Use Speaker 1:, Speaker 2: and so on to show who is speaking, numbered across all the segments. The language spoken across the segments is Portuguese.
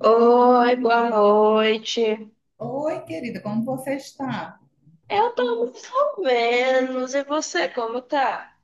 Speaker 1: Oi, boa noite.
Speaker 2: Oi, querida, como você está?
Speaker 1: Eu tô mais ou menos. E você, como tá?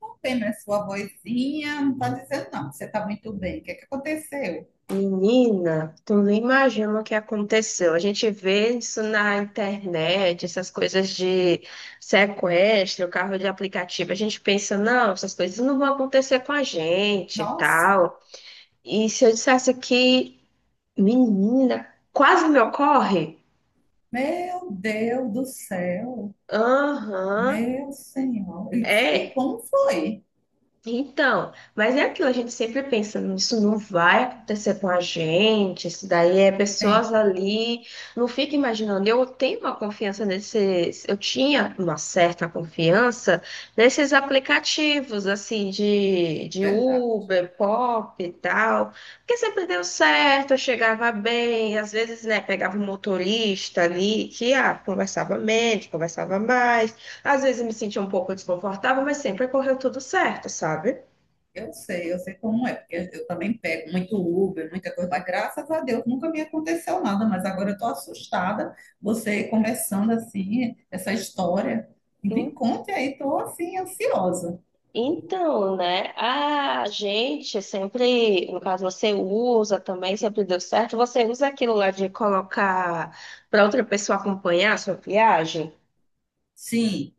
Speaker 2: Não tem mais sua vozinha, não está dizendo não, que você está muito bem. O que é que aconteceu?
Speaker 1: Menina, tu não imagina o que aconteceu. A gente vê isso na internet, essas coisas de sequestro, carro de aplicativo. A gente pensa, não, essas coisas não vão acontecer com a gente e
Speaker 2: Nossa,
Speaker 1: tal. E se eu dissesse que, menina, quase me ocorre?
Speaker 2: meu Deus do céu,
Speaker 1: Aham.
Speaker 2: meu Senhor. E, e
Speaker 1: É,
Speaker 2: como foi?
Speaker 1: então, mas é aquilo, a gente sempre pensa, isso não vai acontecer com a gente, isso daí é pessoas
Speaker 2: Sempre,
Speaker 1: ali, não fica imaginando, eu tenho uma confiança nesses, eu tinha uma certa confiança nesses aplicativos, assim, de
Speaker 2: verdade.
Speaker 1: Uber, Pop e tal, porque sempre deu certo, eu chegava bem, às vezes, né, pegava um motorista ali, que, ah, conversava menos, conversava mais, às vezes eu me sentia um pouco desconfortável, mas sempre correu tudo certo, sabe?
Speaker 2: Eu sei como é, porque eu também pego muito Uber, muita coisa, mas graças a Deus nunca me aconteceu nada, mas agora eu estou assustada, você conversando assim, essa história. Me
Speaker 1: En-
Speaker 2: conte aí, estou assim, ansiosa.
Speaker 1: Então, né? A gente sempre, no caso, você usa também, sempre deu certo. Você usa aquilo lá de colocar para outra pessoa acompanhar a sua viagem.
Speaker 2: Sim.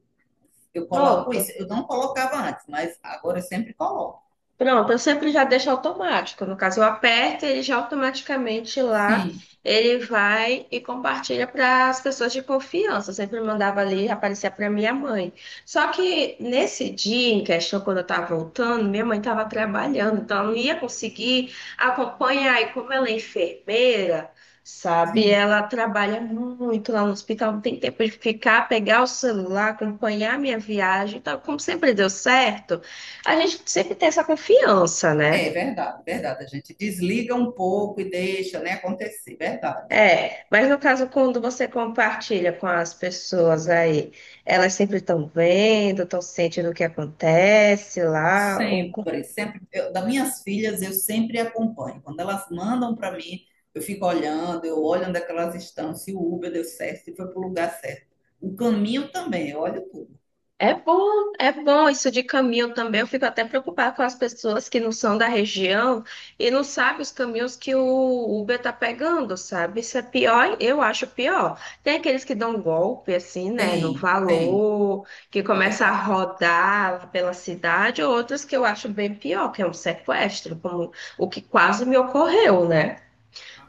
Speaker 2: Eu coloco isso.
Speaker 1: Pronto.
Speaker 2: Eu não colocava antes, mas agora eu sempre coloco.
Speaker 1: Pronto, eu sempre já deixo automático. No caso, eu aperto, e ele já automaticamente lá,
Speaker 2: Sim,
Speaker 1: ele vai e compartilha para as pessoas de confiança. Eu sempre mandava ali, aparecia para minha mãe. Só que nesse dia em questão, quando eu estava voltando, minha mãe estava trabalhando, então eu não ia conseguir acompanhar. E como ela é enfermeira, sabe,
Speaker 2: sim.
Speaker 1: ela trabalha muito lá no hospital, não tem tempo de ficar, pegar o celular, acompanhar a minha viagem. Então, como sempre deu certo. A gente sempre tem essa confiança,
Speaker 2: É
Speaker 1: né?
Speaker 2: verdade, verdade. A gente desliga um pouco e deixa, né, acontecer. Verdade.
Speaker 1: É, mas no caso, quando você compartilha com as pessoas aí, elas sempre estão vendo, estão sentindo o que acontece lá, ou
Speaker 2: Sempre, sempre. Eu, das minhas filhas, eu sempre acompanho. Quando elas mandam para mim, eu fico olhando, eu olho onde é que elas estão, se o Uber deu certo, se foi para o lugar certo. O caminho também, eu olho tudo.
Speaker 1: é bom, é bom isso de caminho também. Eu fico até preocupada com as pessoas que não são da região e não sabem os caminhos que o Uber tá pegando, sabe? Isso é pior, eu acho pior. Tem aqueles que dão golpe, assim, né, no
Speaker 2: Tem, tem.
Speaker 1: valor, que
Speaker 2: É
Speaker 1: começa a
Speaker 2: verdade.
Speaker 1: rodar pela cidade, outros que eu acho bem pior, que é um sequestro, como o que quase me ocorreu, né?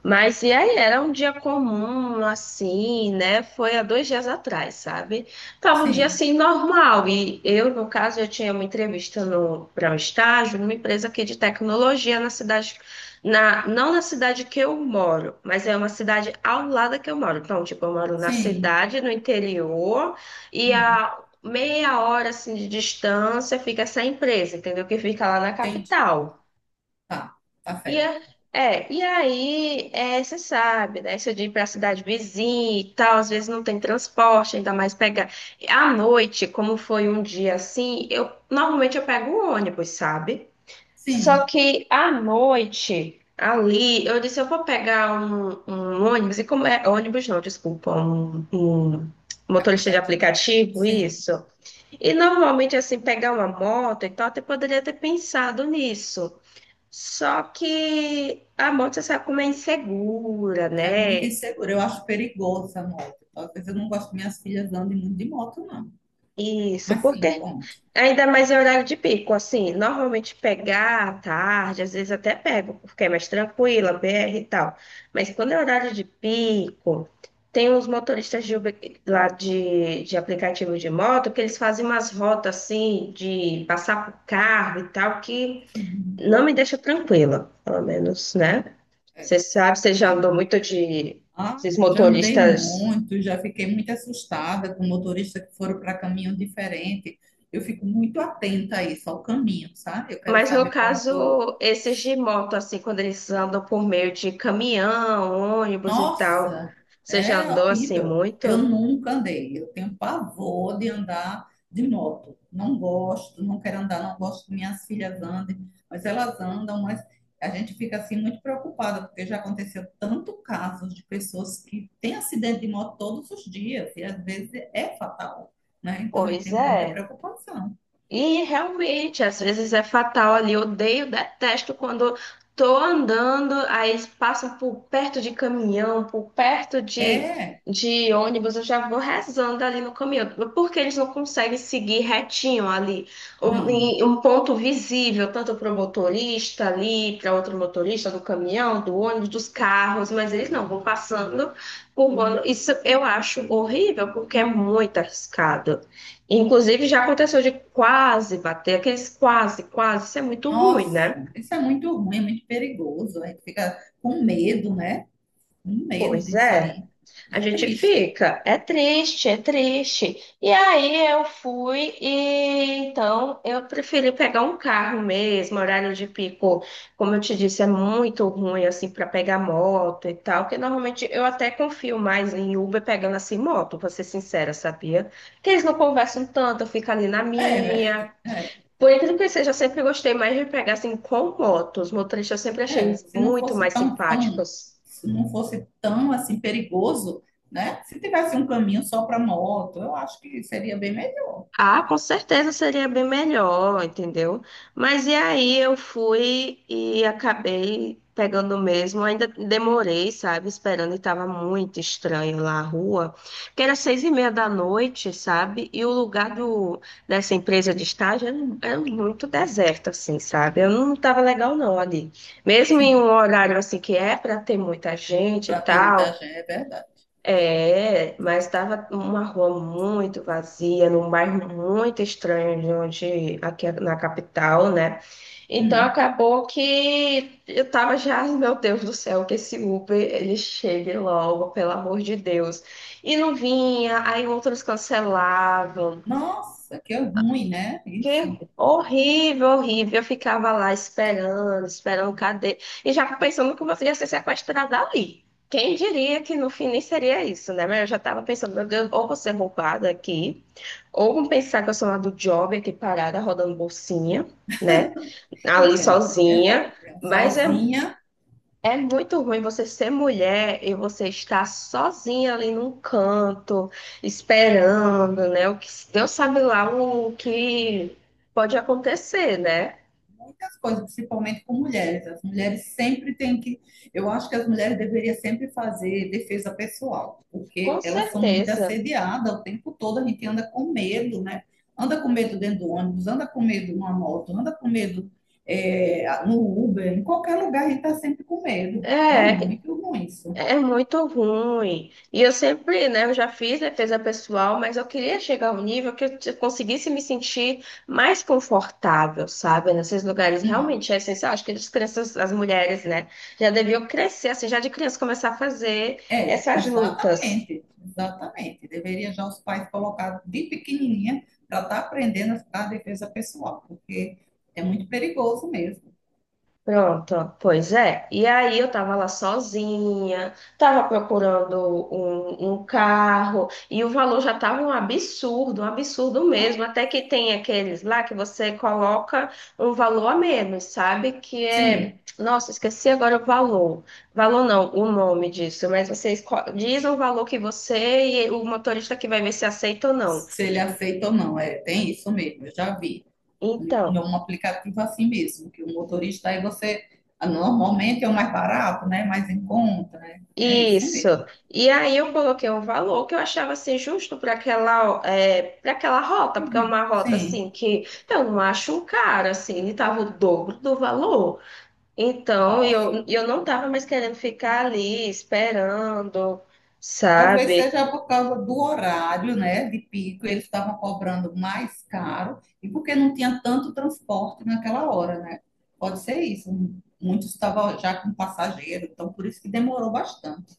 Speaker 1: Mas e aí, era um dia comum, assim, né? Foi há dois dias atrás, sabe? Tava um dia
Speaker 2: Sim,
Speaker 1: assim normal. E eu, no caso, eu tinha uma entrevista para um estágio numa empresa aqui de tecnologia na cidade, na, não na cidade que eu moro, mas é uma cidade ao lado da que eu moro. Então, tipo, eu moro na
Speaker 2: sim.
Speaker 1: cidade, no interior, e
Speaker 2: Hum,
Speaker 1: a meia hora assim de distância fica essa empresa, entendeu? Que fica lá na
Speaker 2: entendi.
Speaker 1: capital.
Speaker 2: Tá, tá
Speaker 1: E,
Speaker 2: certo.
Speaker 1: a- é, e aí, é, você sabe, né? Se eu de ir para a cidade vizinha e tal, às vezes não tem transporte, ainda mais pegar. À noite, como foi um dia assim, eu normalmente eu pego o ônibus, sabe? Só
Speaker 2: Sim.
Speaker 1: que à noite, ali, eu disse, eu vou pegar um ônibus, e como é ônibus não, desculpa, um motorista de
Speaker 2: Aplicativo.
Speaker 1: aplicativo,
Speaker 2: Sim,
Speaker 1: isso. E normalmente, assim, pegar uma moto e tal, até poderia ter pensado nisso. Só que a moto sabe como é insegura,
Speaker 2: é muito
Speaker 1: né?
Speaker 2: inseguro. Eu acho perigoso essa moto. Talvez eu não gosto que minhas filhas andem muito de moto, não.
Speaker 1: Isso,
Speaker 2: Mas sim,
Speaker 1: porque
Speaker 2: conte.
Speaker 1: ainda mais em horário de pico, assim, normalmente pegar à tarde, às vezes até pego, porque é mais tranquila, BR e tal. Mas quando é horário de pico, tem uns motoristas de Uber, lá de aplicativo de moto que eles fazem umas rotas assim, de passar por carro e tal, que
Speaker 2: Sim,
Speaker 1: não me deixa tranquila, pelo menos, né?
Speaker 2: é,
Speaker 1: Você
Speaker 2: sim,
Speaker 1: sabe, você já
Speaker 2: entendo.
Speaker 1: andou muito de
Speaker 2: Ah,
Speaker 1: esses
Speaker 2: já andei
Speaker 1: motoristas,
Speaker 2: muito, já fiquei muito assustada com motoristas que foram para caminho diferente. Eu fico muito atenta a isso, ao caminho, sabe? Eu quero
Speaker 1: mas no
Speaker 2: saber para onde estou.
Speaker 1: caso, esses de moto, assim, quando eles andam por meio de caminhão, ônibus e tal,
Speaker 2: Nossa,
Speaker 1: você já
Speaker 2: é
Speaker 1: andou assim
Speaker 2: horrível.
Speaker 1: muito?
Speaker 2: Eu nunca andei. Eu tenho pavor de andar de moto. Não gosto, não quero andar, não gosto que minhas filhas andem, mas elas andam, mas a gente fica assim muito preocupada, porque já aconteceu tanto casos de pessoas que têm acidente de moto todos os dias, e às vezes é fatal, né? Então a gente
Speaker 1: Pois
Speaker 2: tem muita
Speaker 1: é.
Speaker 2: preocupação.
Speaker 1: E realmente, às vezes é fatal ali. Eu odeio, detesto quando tô andando, aí eles passam por perto de caminhão, por perto
Speaker 2: É,
Speaker 1: de ônibus, eu já vou rezando ali no caminhão. Porque eles não conseguem seguir retinho ali, um,
Speaker 2: não.
Speaker 1: em um ponto visível, tanto para o motorista ali, para outro motorista do caminhão, do ônibus, dos carros, mas eles não vão passando por. Isso eu acho horrível, porque é muito arriscado. Inclusive, já aconteceu de quase bater, aqueles quase, quase, isso é muito ruim,
Speaker 2: Nossa,
Speaker 1: né?
Speaker 2: isso é muito ruim, é muito perigoso. A gente fica com medo, né? Um medo
Speaker 1: Pois
Speaker 2: de
Speaker 1: é,
Speaker 2: sair.
Speaker 1: a
Speaker 2: É
Speaker 1: gente
Speaker 2: triste.
Speaker 1: fica, é triste, é triste. E aí eu fui e então eu preferi pegar um carro mesmo, horário de pico, como eu te disse, é muito ruim assim para pegar moto e tal, que normalmente eu até confio mais em Uber pegando assim moto, pra ser sincera, sabia? Que eles não conversam tanto, eu fico ali na
Speaker 2: É,
Speaker 1: minha.
Speaker 2: Werther, é,
Speaker 1: Por incrível que seja, eu sempre gostei mais de pegar assim com motos. Os motoristas eu sempre achei
Speaker 2: é.
Speaker 1: eles
Speaker 2: Se não
Speaker 1: muito
Speaker 2: fosse
Speaker 1: mais
Speaker 2: tão, tão,
Speaker 1: simpáticos.
Speaker 2: se não fosse tão assim perigoso, né? Se tivesse um caminho só para moto, eu acho que seria bem melhor.
Speaker 1: Ah, com certeza seria bem melhor, entendeu? Mas e aí eu fui e acabei pegando mesmo, ainda demorei, sabe, esperando e tava muito estranho lá a rua, que era seis e meia da noite, sabe? E o lugar do, dessa empresa de estágio era, era muito deserto, assim, sabe? Eu não tava legal não ali. Mesmo em um
Speaker 2: Sim,
Speaker 1: horário assim que é para ter muita gente e
Speaker 2: para ter muita
Speaker 1: tal,
Speaker 2: gente, é verdade.
Speaker 1: é, mas estava uma rua muito vazia, num bairro muito estranho de onde, aqui na capital, né? Então
Speaker 2: Hum.
Speaker 1: acabou que eu tava já, "Ai, meu Deus do céu, que esse Uber ele chegue logo, pelo amor de Deus. E não vinha, aí outros cancelavam.
Speaker 2: Nossa, que ruim, né?
Speaker 1: Que
Speaker 2: Isso.
Speaker 1: horrível, horrível. Eu ficava lá esperando, esperando, cadê? E já pensando que você ia ser sequestrada ali. Quem diria que no fim nem seria isso, né? Mas eu já estava pensando, meu Deus, ou vou ser roubada aqui, ou vão pensar que eu sou lá do job aqui parada, rodando bolsinha, né? Ali
Speaker 2: É, é
Speaker 1: sozinha.
Speaker 2: verdade. Mesmo.
Speaker 1: Mas é
Speaker 2: Sozinha.
Speaker 1: é muito ruim você ser mulher e você estar sozinha ali num canto, esperando, né? O que Deus sabe lá o que pode acontecer, né?
Speaker 2: Muitas coisas, principalmente com mulheres. As mulheres sempre têm que. Eu acho que as mulheres deveriam sempre fazer defesa pessoal, porque
Speaker 1: Com
Speaker 2: elas são muito
Speaker 1: certeza.
Speaker 2: assediadas o tempo todo, a gente anda com medo, né? Anda com medo dentro do ônibus, anda com medo numa moto, anda com medo é, no Uber, em qualquer lugar a gente está sempre com medo. É
Speaker 1: É,
Speaker 2: muito ruim isso.
Speaker 1: é muito ruim. E eu sempre, né, eu já fiz defesa pessoal, mas eu queria chegar a um nível que eu conseguisse me sentir mais confortável, sabe? Nesses lugares
Speaker 2: Hum.
Speaker 1: realmente é essencial. Acho que as crianças, as mulheres, né, já deviam crescer, assim, já de criança começar a fazer
Speaker 2: É,
Speaker 1: essas lutas.
Speaker 2: exatamente, exatamente. Deveria já os pais colocar de pequenininha para estar aprendendo a defesa pessoal, porque é muito perigoso mesmo.
Speaker 1: Pronto, ó, pois é. E aí eu tava lá sozinha, tava procurando um carro, e o valor já tava um absurdo
Speaker 2: Ah,
Speaker 1: mesmo. Até que tem aqueles lá que você coloca um valor a menos, sabe? Que é.
Speaker 2: sim,
Speaker 1: Nossa, esqueci agora o valor. Valor não, o nome disso, mas você diz o valor que você e o motorista que vai ver se aceita ou não.
Speaker 2: se ele aceita ou não, é, tem isso mesmo, eu já vi. Em
Speaker 1: Então.
Speaker 2: em um aplicativo assim mesmo, que o motorista aí você, ah, normalmente é o mais barato, né, mais em conta, né? É isso
Speaker 1: Isso.
Speaker 2: mesmo.
Speaker 1: E aí eu coloquei um valor que eu achava assim justo para aquela, é, para aquela rota, porque é uma rota
Speaker 2: Sim,
Speaker 1: assim que então, eu não acho caro, assim, ele tava o dobro do valor. Então eu não tava mais querendo ficar ali esperando,
Speaker 2: talvez
Speaker 1: sabe?
Speaker 2: seja por causa do horário, né, de pico, eles estavam cobrando mais caro e porque não tinha tanto transporte naquela hora, né? Pode ser isso. Muitos estavam já com passageiro, então por isso que demorou bastante.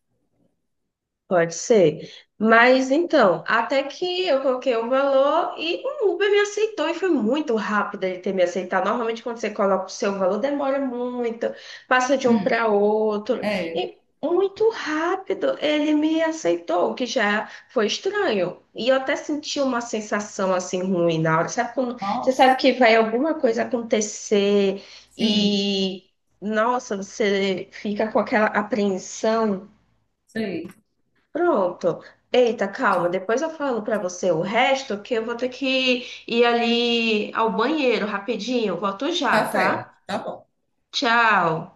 Speaker 1: Pode ser. Mas então, até que eu coloquei o valor e o Uber me aceitou e foi muito rápido ele ter me aceitado. Normalmente, quando você coloca o seu valor, demora muito, passa de um
Speaker 2: Hum,
Speaker 1: para outro.
Speaker 2: é,
Speaker 1: E muito rápido ele me aceitou, o que já foi estranho. E eu até senti uma sensação assim ruim na hora. Sabe quando você sabe que
Speaker 2: nossa,
Speaker 1: vai alguma coisa acontecer
Speaker 2: sim,
Speaker 1: e, nossa, você fica com aquela apreensão.
Speaker 2: sei.
Speaker 1: Pronto. Eita, calma. Depois eu falo pra você o resto, que eu vou ter que ir ali ao banheiro rapidinho. Volto
Speaker 2: Tá
Speaker 1: já, tá?
Speaker 2: certo, tá bom.
Speaker 1: Tchau.